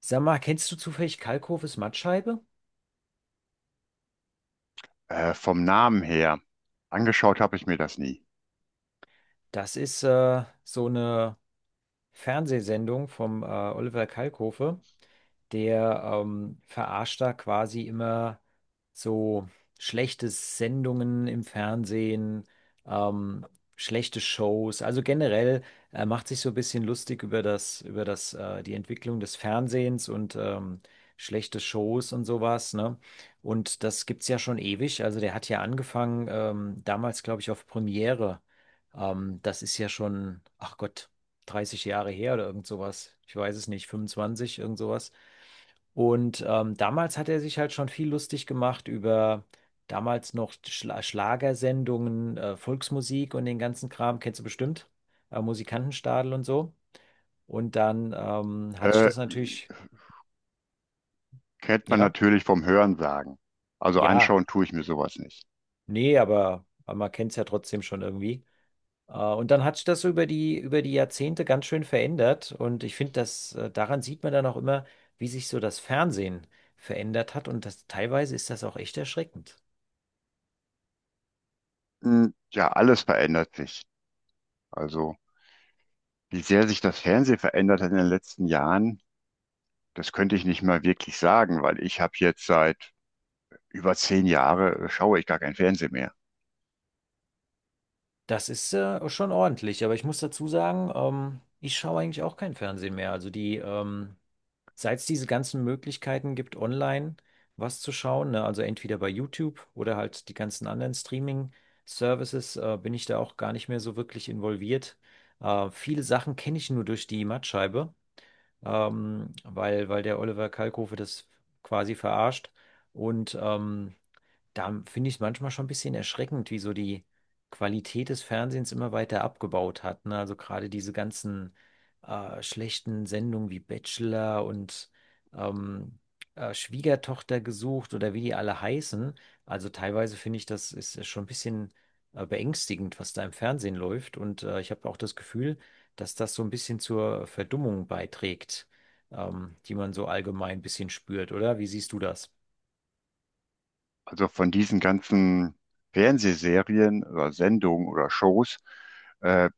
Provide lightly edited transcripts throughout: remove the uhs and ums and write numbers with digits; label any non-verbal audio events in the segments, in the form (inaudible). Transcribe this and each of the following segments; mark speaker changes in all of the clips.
Speaker 1: Sag mal, kennst du zufällig Kalkofes Mattscheibe?
Speaker 2: Vom Namen her, angeschaut habe ich mir das nie.
Speaker 1: Das ist so eine Fernsehsendung vom Oliver Kalkofe. Der verarscht da quasi immer so schlechte Sendungen im Fernsehen, ähm, schlechte Shows. Also generell macht sich so ein bisschen lustig über das, die Entwicklung des Fernsehens und schlechte Shows und sowas, ne? Und das gibt's ja schon ewig. Also der hat ja angefangen, damals, glaube ich, auf Premiere. Das ist ja schon, ach Gott, 30 Jahre her oder irgend sowas. Ich weiß es nicht, 25, irgend sowas. Und damals hat er sich halt schon viel lustig gemacht über damals noch Schlagersendungen, Volksmusik und den ganzen Kram, kennst du bestimmt, Musikantenstadel und so. Und dann hat sich
Speaker 2: Äh,
Speaker 1: das natürlich,
Speaker 2: Kennt man
Speaker 1: ja,
Speaker 2: natürlich vom Hörensagen. Also
Speaker 1: ja,
Speaker 2: anschauen tue ich mir sowas nicht.
Speaker 1: nee, aber man kennt es ja trotzdem schon irgendwie. Und dann hat sich das so über die Jahrzehnte ganz schön verändert. Und ich finde, dass daran sieht man dann auch immer, wie sich so das Fernsehen verändert hat. Und das, teilweise ist das auch echt erschreckend.
Speaker 2: Ja, alles verändert sich. Also, wie sehr sich das Fernsehen verändert hat in den letzten Jahren, das könnte ich nicht mal wirklich sagen, weil ich habe jetzt seit über 10 Jahren schaue ich gar kein Fernsehen mehr.
Speaker 1: Das ist schon ordentlich, aber ich muss dazu sagen, ich schaue eigentlich auch kein Fernsehen mehr. Also die, seit es diese ganzen Möglichkeiten gibt, online was zu schauen, ne? Also entweder bei YouTube oder halt die ganzen anderen Streaming-Services, bin ich da auch gar nicht mehr so wirklich involviert. Viele Sachen kenne ich nur durch die Mattscheibe, weil der Oliver Kalkofe das quasi verarscht. Und da finde ich es manchmal schon ein bisschen erschreckend, wie so die Qualität des Fernsehens immer weiter abgebaut hat. Ne? Also gerade diese ganzen schlechten Sendungen wie Bachelor und ähm, Schwiegertochter gesucht oder wie die alle heißen. Also teilweise finde ich, das ist schon ein bisschen beängstigend, was da im Fernsehen läuft. Und ich habe auch das Gefühl, dass das so ein bisschen zur Verdummung beiträgt, die man so allgemein ein bisschen spürt, oder? Wie siehst du das?
Speaker 2: Also von diesen ganzen Fernsehserien oder Sendungen oder Shows, äh,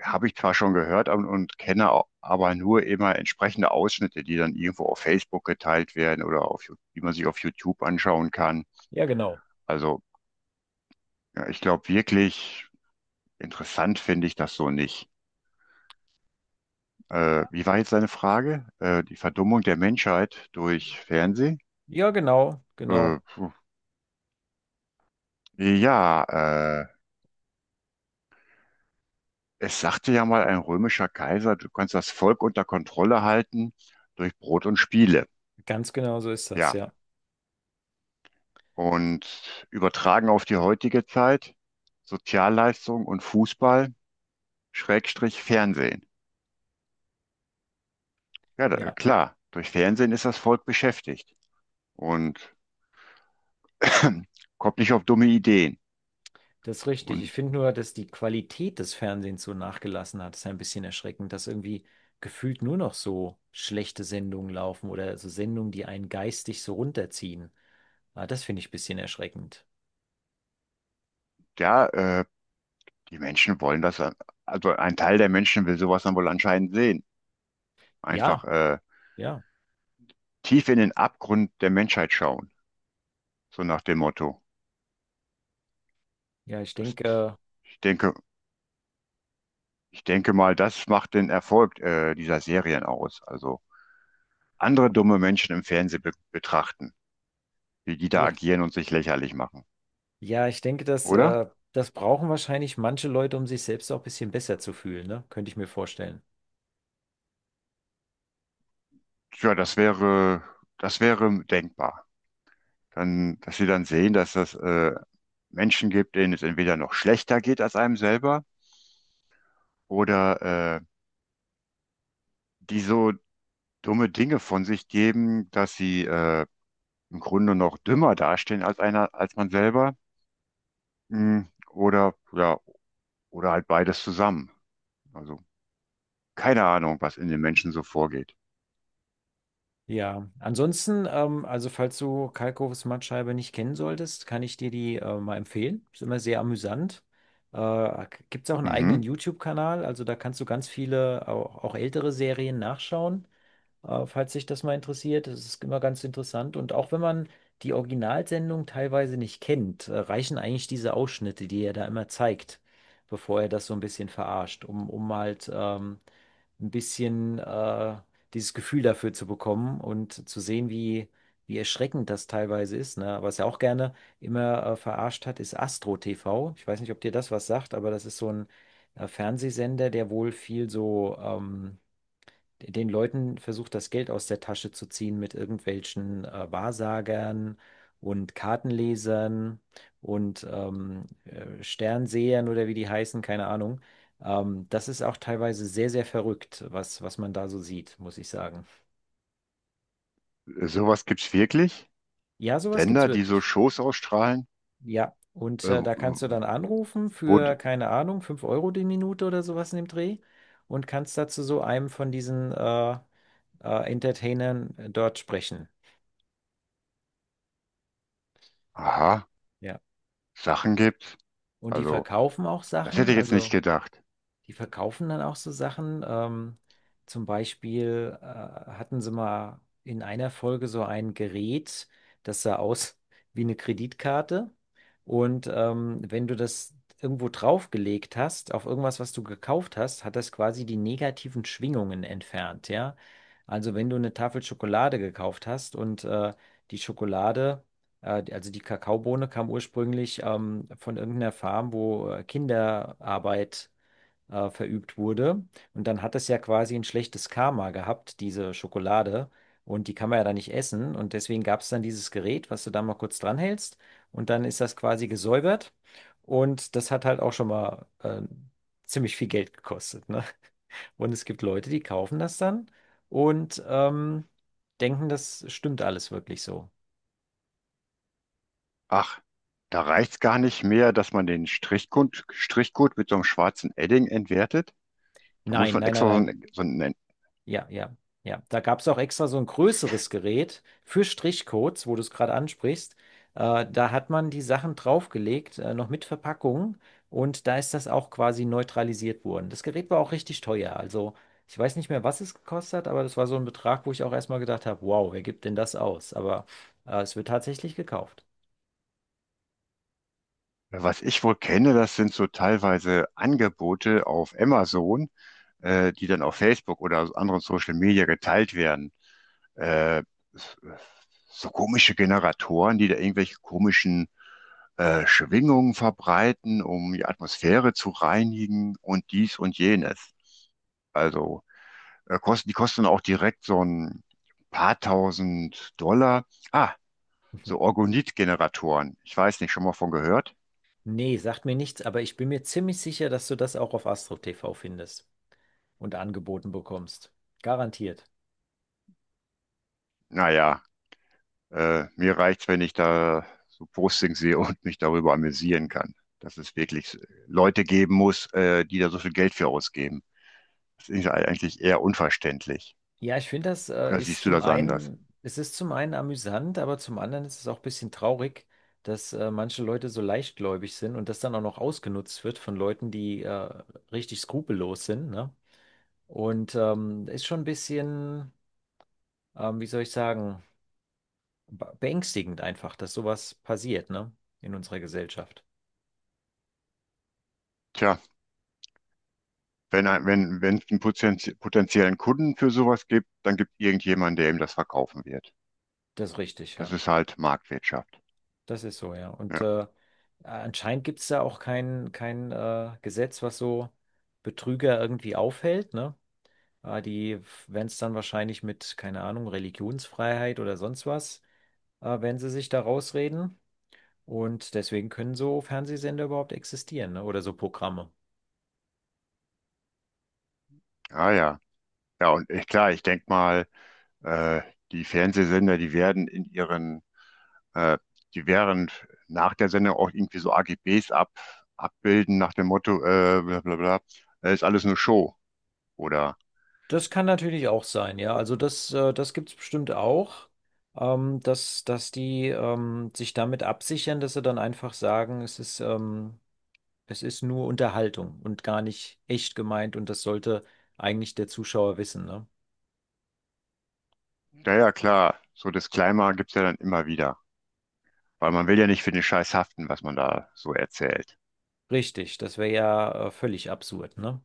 Speaker 2: habe ich zwar schon gehört und kenne aber nur immer entsprechende Ausschnitte, die dann irgendwo auf Facebook geteilt werden oder auf, die man sich auf YouTube anschauen kann.
Speaker 1: Ja, genau.
Speaker 2: Also ja, ich glaube, wirklich interessant finde ich das so nicht. Wie war jetzt deine Frage? Die Verdummung der Menschheit durch Fernsehen?
Speaker 1: Ja, genau, genau.
Speaker 2: Puh. Ja, äh, es sagte ja mal ein römischer Kaiser, du kannst das Volk unter Kontrolle halten durch Brot und Spiele.
Speaker 1: Ganz genau so ist das,
Speaker 2: Ja.
Speaker 1: ja.
Speaker 2: Und übertragen auf die heutige Zeit, Sozialleistung und Fußball, Schrägstrich Fernsehen. Ja, da,
Speaker 1: Ja,
Speaker 2: klar, durch Fernsehen ist das Volk beschäftigt und (clears throat) kommt nicht auf dumme Ideen.
Speaker 1: das ist richtig. Ich
Speaker 2: Und
Speaker 1: finde nur, dass die Qualität des Fernsehens so nachgelassen hat. Das ist ein bisschen erschreckend, dass irgendwie gefühlt nur noch so schlechte Sendungen laufen oder so Sendungen, die einen geistig so runterziehen. Ah, das finde ich ein bisschen erschreckend.
Speaker 2: ja, die Menschen wollen das, also ein Teil der Menschen will sowas dann wohl anscheinend sehen. Einfach
Speaker 1: Ja, ja,
Speaker 2: tief in den Abgrund der Menschheit schauen, so nach dem Motto.
Speaker 1: ja, ich
Speaker 2: Das,
Speaker 1: denke,
Speaker 2: ich denke, ich denke mal, das macht den Erfolg dieser Serien aus. Also andere dumme Menschen im Fernsehen be betrachten, wie die da
Speaker 1: ja,
Speaker 2: agieren und sich lächerlich machen,
Speaker 1: ja, ich denke, dass,
Speaker 2: oder?
Speaker 1: äh, das brauchen wahrscheinlich manche Leute, um sich selbst auch ein bisschen besser zu fühlen, ne? Könnte ich mir vorstellen.
Speaker 2: Ja, das wäre denkbar. Dann, dass sie dann sehen, dass es Menschen gibt, denen es entweder noch schlechter geht als einem selber oder die so dumme Dinge von sich geben, dass sie im Grunde noch dümmer dastehen als einer, als man selber. Mm. Oder ja, oder halt beides zusammen. Also keine Ahnung, was in den Menschen so vorgeht.
Speaker 1: Ja, ansonsten, also falls du Kalkofes Mattscheibe nicht kennen solltest, kann ich dir die mal empfehlen. Ist immer sehr amüsant. Gibt es auch einen eigenen
Speaker 2: Mhm.
Speaker 1: YouTube-Kanal, also da kannst du ganz viele, auch ältere Serien nachschauen. Falls sich das mal interessiert, das ist immer ganz interessant. Und auch wenn man die Originalsendung teilweise nicht kennt, reichen eigentlich diese Ausschnitte, die er da immer zeigt, bevor er das so ein bisschen verarscht, um halt ein bisschen dieses Gefühl dafür zu bekommen und zu sehen, wie, wie erschreckend das teilweise ist. Ne? Was er auch gerne immer verarscht hat, ist Astro TV. Ich weiß nicht, ob dir das was sagt, aber das ist so ein Fernsehsender, der wohl viel so. Den Leuten versucht, das Geld aus der Tasche zu ziehen mit irgendwelchen Wahrsagern und Kartenlesern und Sternsehern oder wie die heißen, keine Ahnung. Das ist auch teilweise sehr, sehr verrückt, was man da so sieht, muss ich sagen.
Speaker 2: Sowas gibt's wirklich?
Speaker 1: Ja, sowas gibt's
Speaker 2: Sender, die so
Speaker 1: wirklich.
Speaker 2: Shows ausstrahlen,
Speaker 1: Ja, und
Speaker 2: äh,
Speaker 1: da kannst du dann anrufen
Speaker 2: wo die,
Speaker 1: für, keine Ahnung, 5 Euro die Minute oder sowas in dem Dreh und kannst dazu so einem von diesen Entertainern dort sprechen.
Speaker 2: aha,
Speaker 1: Ja.
Speaker 2: Sachen gibt.
Speaker 1: Und die
Speaker 2: Also,
Speaker 1: verkaufen auch
Speaker 2: das hätte
Speaker 1: Sachen,
Speaker 2: ich jetzt nicht
Speaker 1: also.
Speaker 2: gedacht.
Speaker 1: Die verkaufen dann auch so Sachen. Zum Beispiel hatten sie mal in einer Folge so ein Gerät, das sah aus (laughs) wie eine Kreditkarte. Und wenn du das irgendwo draufgelegt hast, auf irgendwas, was du gekauft hast, hat das quasi die negativen Schwingungen entfernt, ja. Also wenn du eine Tafel Schokolade gekauft hast und die Schokolade, also die Kakaobohne kam ursprünglich von irgendeiner Farm, wo Kinderarbeit verübt wurde. Und dann hat es ja quasi ein schlechtes Karma gehabt, diese Schokolade. Und die kann man ja dann nicht essen. Und deswegen gab es dann dieses Gerät, was du da mal kurz dranhältst. Und dann ist das quasi gesäubert. Und das hat halt auch schon mal ziemlich viel Geld gekostet, ne? Und es gibt Leute, die kaufen das dann und denken, das stimmt alles wirklich so.
Speaker 2: Ach, da reicht's gar nicht mehr, dass man den Strichcode mit so einem schwarzen Edding entwertet. Da muss
Speaker 1: Nein,
Speaker 2: man
Speaker 1: nein, nein,
Speaker 2: extra
Speaker 1: nein.
Speaker 2: so ein,
Speaker 1: Ja, ja, ja. Da gab es auch extra so ein größeres Gerät für Strichcodes, wo du es gerade ansprichst. Da hat man die Sachen draufgelegt, noch mit Verpackung. Und da ist das auch quasi neutralisiert worden. Das Gerät war auch richtig teuer. Also ich weiß nicht mehr, was es gekostet hat, aber das war so ein Betrag, wo ich auch erstmal gedacht habe, wow, wer gibt denn das aus? Aber es wird tatsächlich gekauft.
Speaker 2: was ich wohl kenne, das sind so teilweise Angebote auf Amazon, die dann auf Facebook oder anderen Social Media geteilt werden. Äh, so komische Generatoren, die da irgendwelche komischen Schwingungen verbreiten, um die Atmosphäre zu reinigen und dies und jenes. Also die kosten auch direkt so ein paar tausend Dollar. Ah, so
Speaker 1: (laughs)
Speaker 2: Orgonit-Generatoren. Ich weiß nicht, schon mal von gehört?
Speaker 1: Nee, sagt mir nichts, aber ich bin mir ziemlich sicher, dass du das auch auf Astro TV findest und angeboten bekommst. Garantiert.
Speaker 2: Naja, mir reicht's, wenn ich da so Postings sehe und mich darüber amüsieren kann, dass es wirklich Leute geben muss, die da so viel Geld für ausgeben. Das ist eigentlich eher unverständlich.
Speaker 1: Ja, ich finde, das
Speaker 2: Oder
Speaker 1: ist
Speaker 2: siehst du
Speaker 1: zum
Speaker 2: das anders?
Speaker 1: einen, es ist zum einen amüsant, aber zum anderen ist es auch ein bisschen traurig, dass manche Leute so leichtgläubig sind und das dann auch noch ausgenutzt wird von Leuten, die richtig skrupellos sind, ne? Und ist schon ein bisschen, wie soll ich sagen, beängstigend einfach, dass sowas passiert, ne? In unserer Gesellschaft.
Speaker 2: Tja. Wenn, wenn es einen potenziellen Kunden für sowas gibt, dann gibt es irgendjemanden, der ihm das verkaufen wird.
Speaker 1: Das ist richtig,
Speaker 2: Das
Speaker 1: ja.
Speaker 2: ist halt Marktwirtschaft.
Speaker 1: Das ist so, ja. Und
Speaker 2: Ja.
Speaker 1: anscheinend gibt es da auch kein Gesetz, was so Betrüger irgendwie aufhält, ne? Die, wenn es dann wahrscheinlich mit, keine Ahnung, Religionsfreiheit oder sonst was, wenn sie sich da rausreden. Und deswegen können so Fernsehsender überhaupt existieren, ne? Oder so Programme.
Speaker 2: Ah ja, ja und ich, klar, ich denke mal, äh, die werden äh, die werden nach der Sendung auch irgendwie so AGBs abbilden nach dem Motto, bla bla bla, ist alles nur Show oder.
Speaker 1: Das kann natürlich auch sein, ja. Also das, das gibt es bestimmt auch, dass die sich damit absichern, dass sie dann einfach sagen, es ist nur Unterhaltung und gar nicht echt gemeint und das sollte eigentlich der Zuschauer wissen, ne?
Speaker 2: Ja, ja, klar. So Disclaimer gibt's ja dann immer wieder. Weil man will ja nicht für den Scheiß haften, was man da so erzählt.
Speaker 1: Richtig, das wäre ja völlig absurd, ne?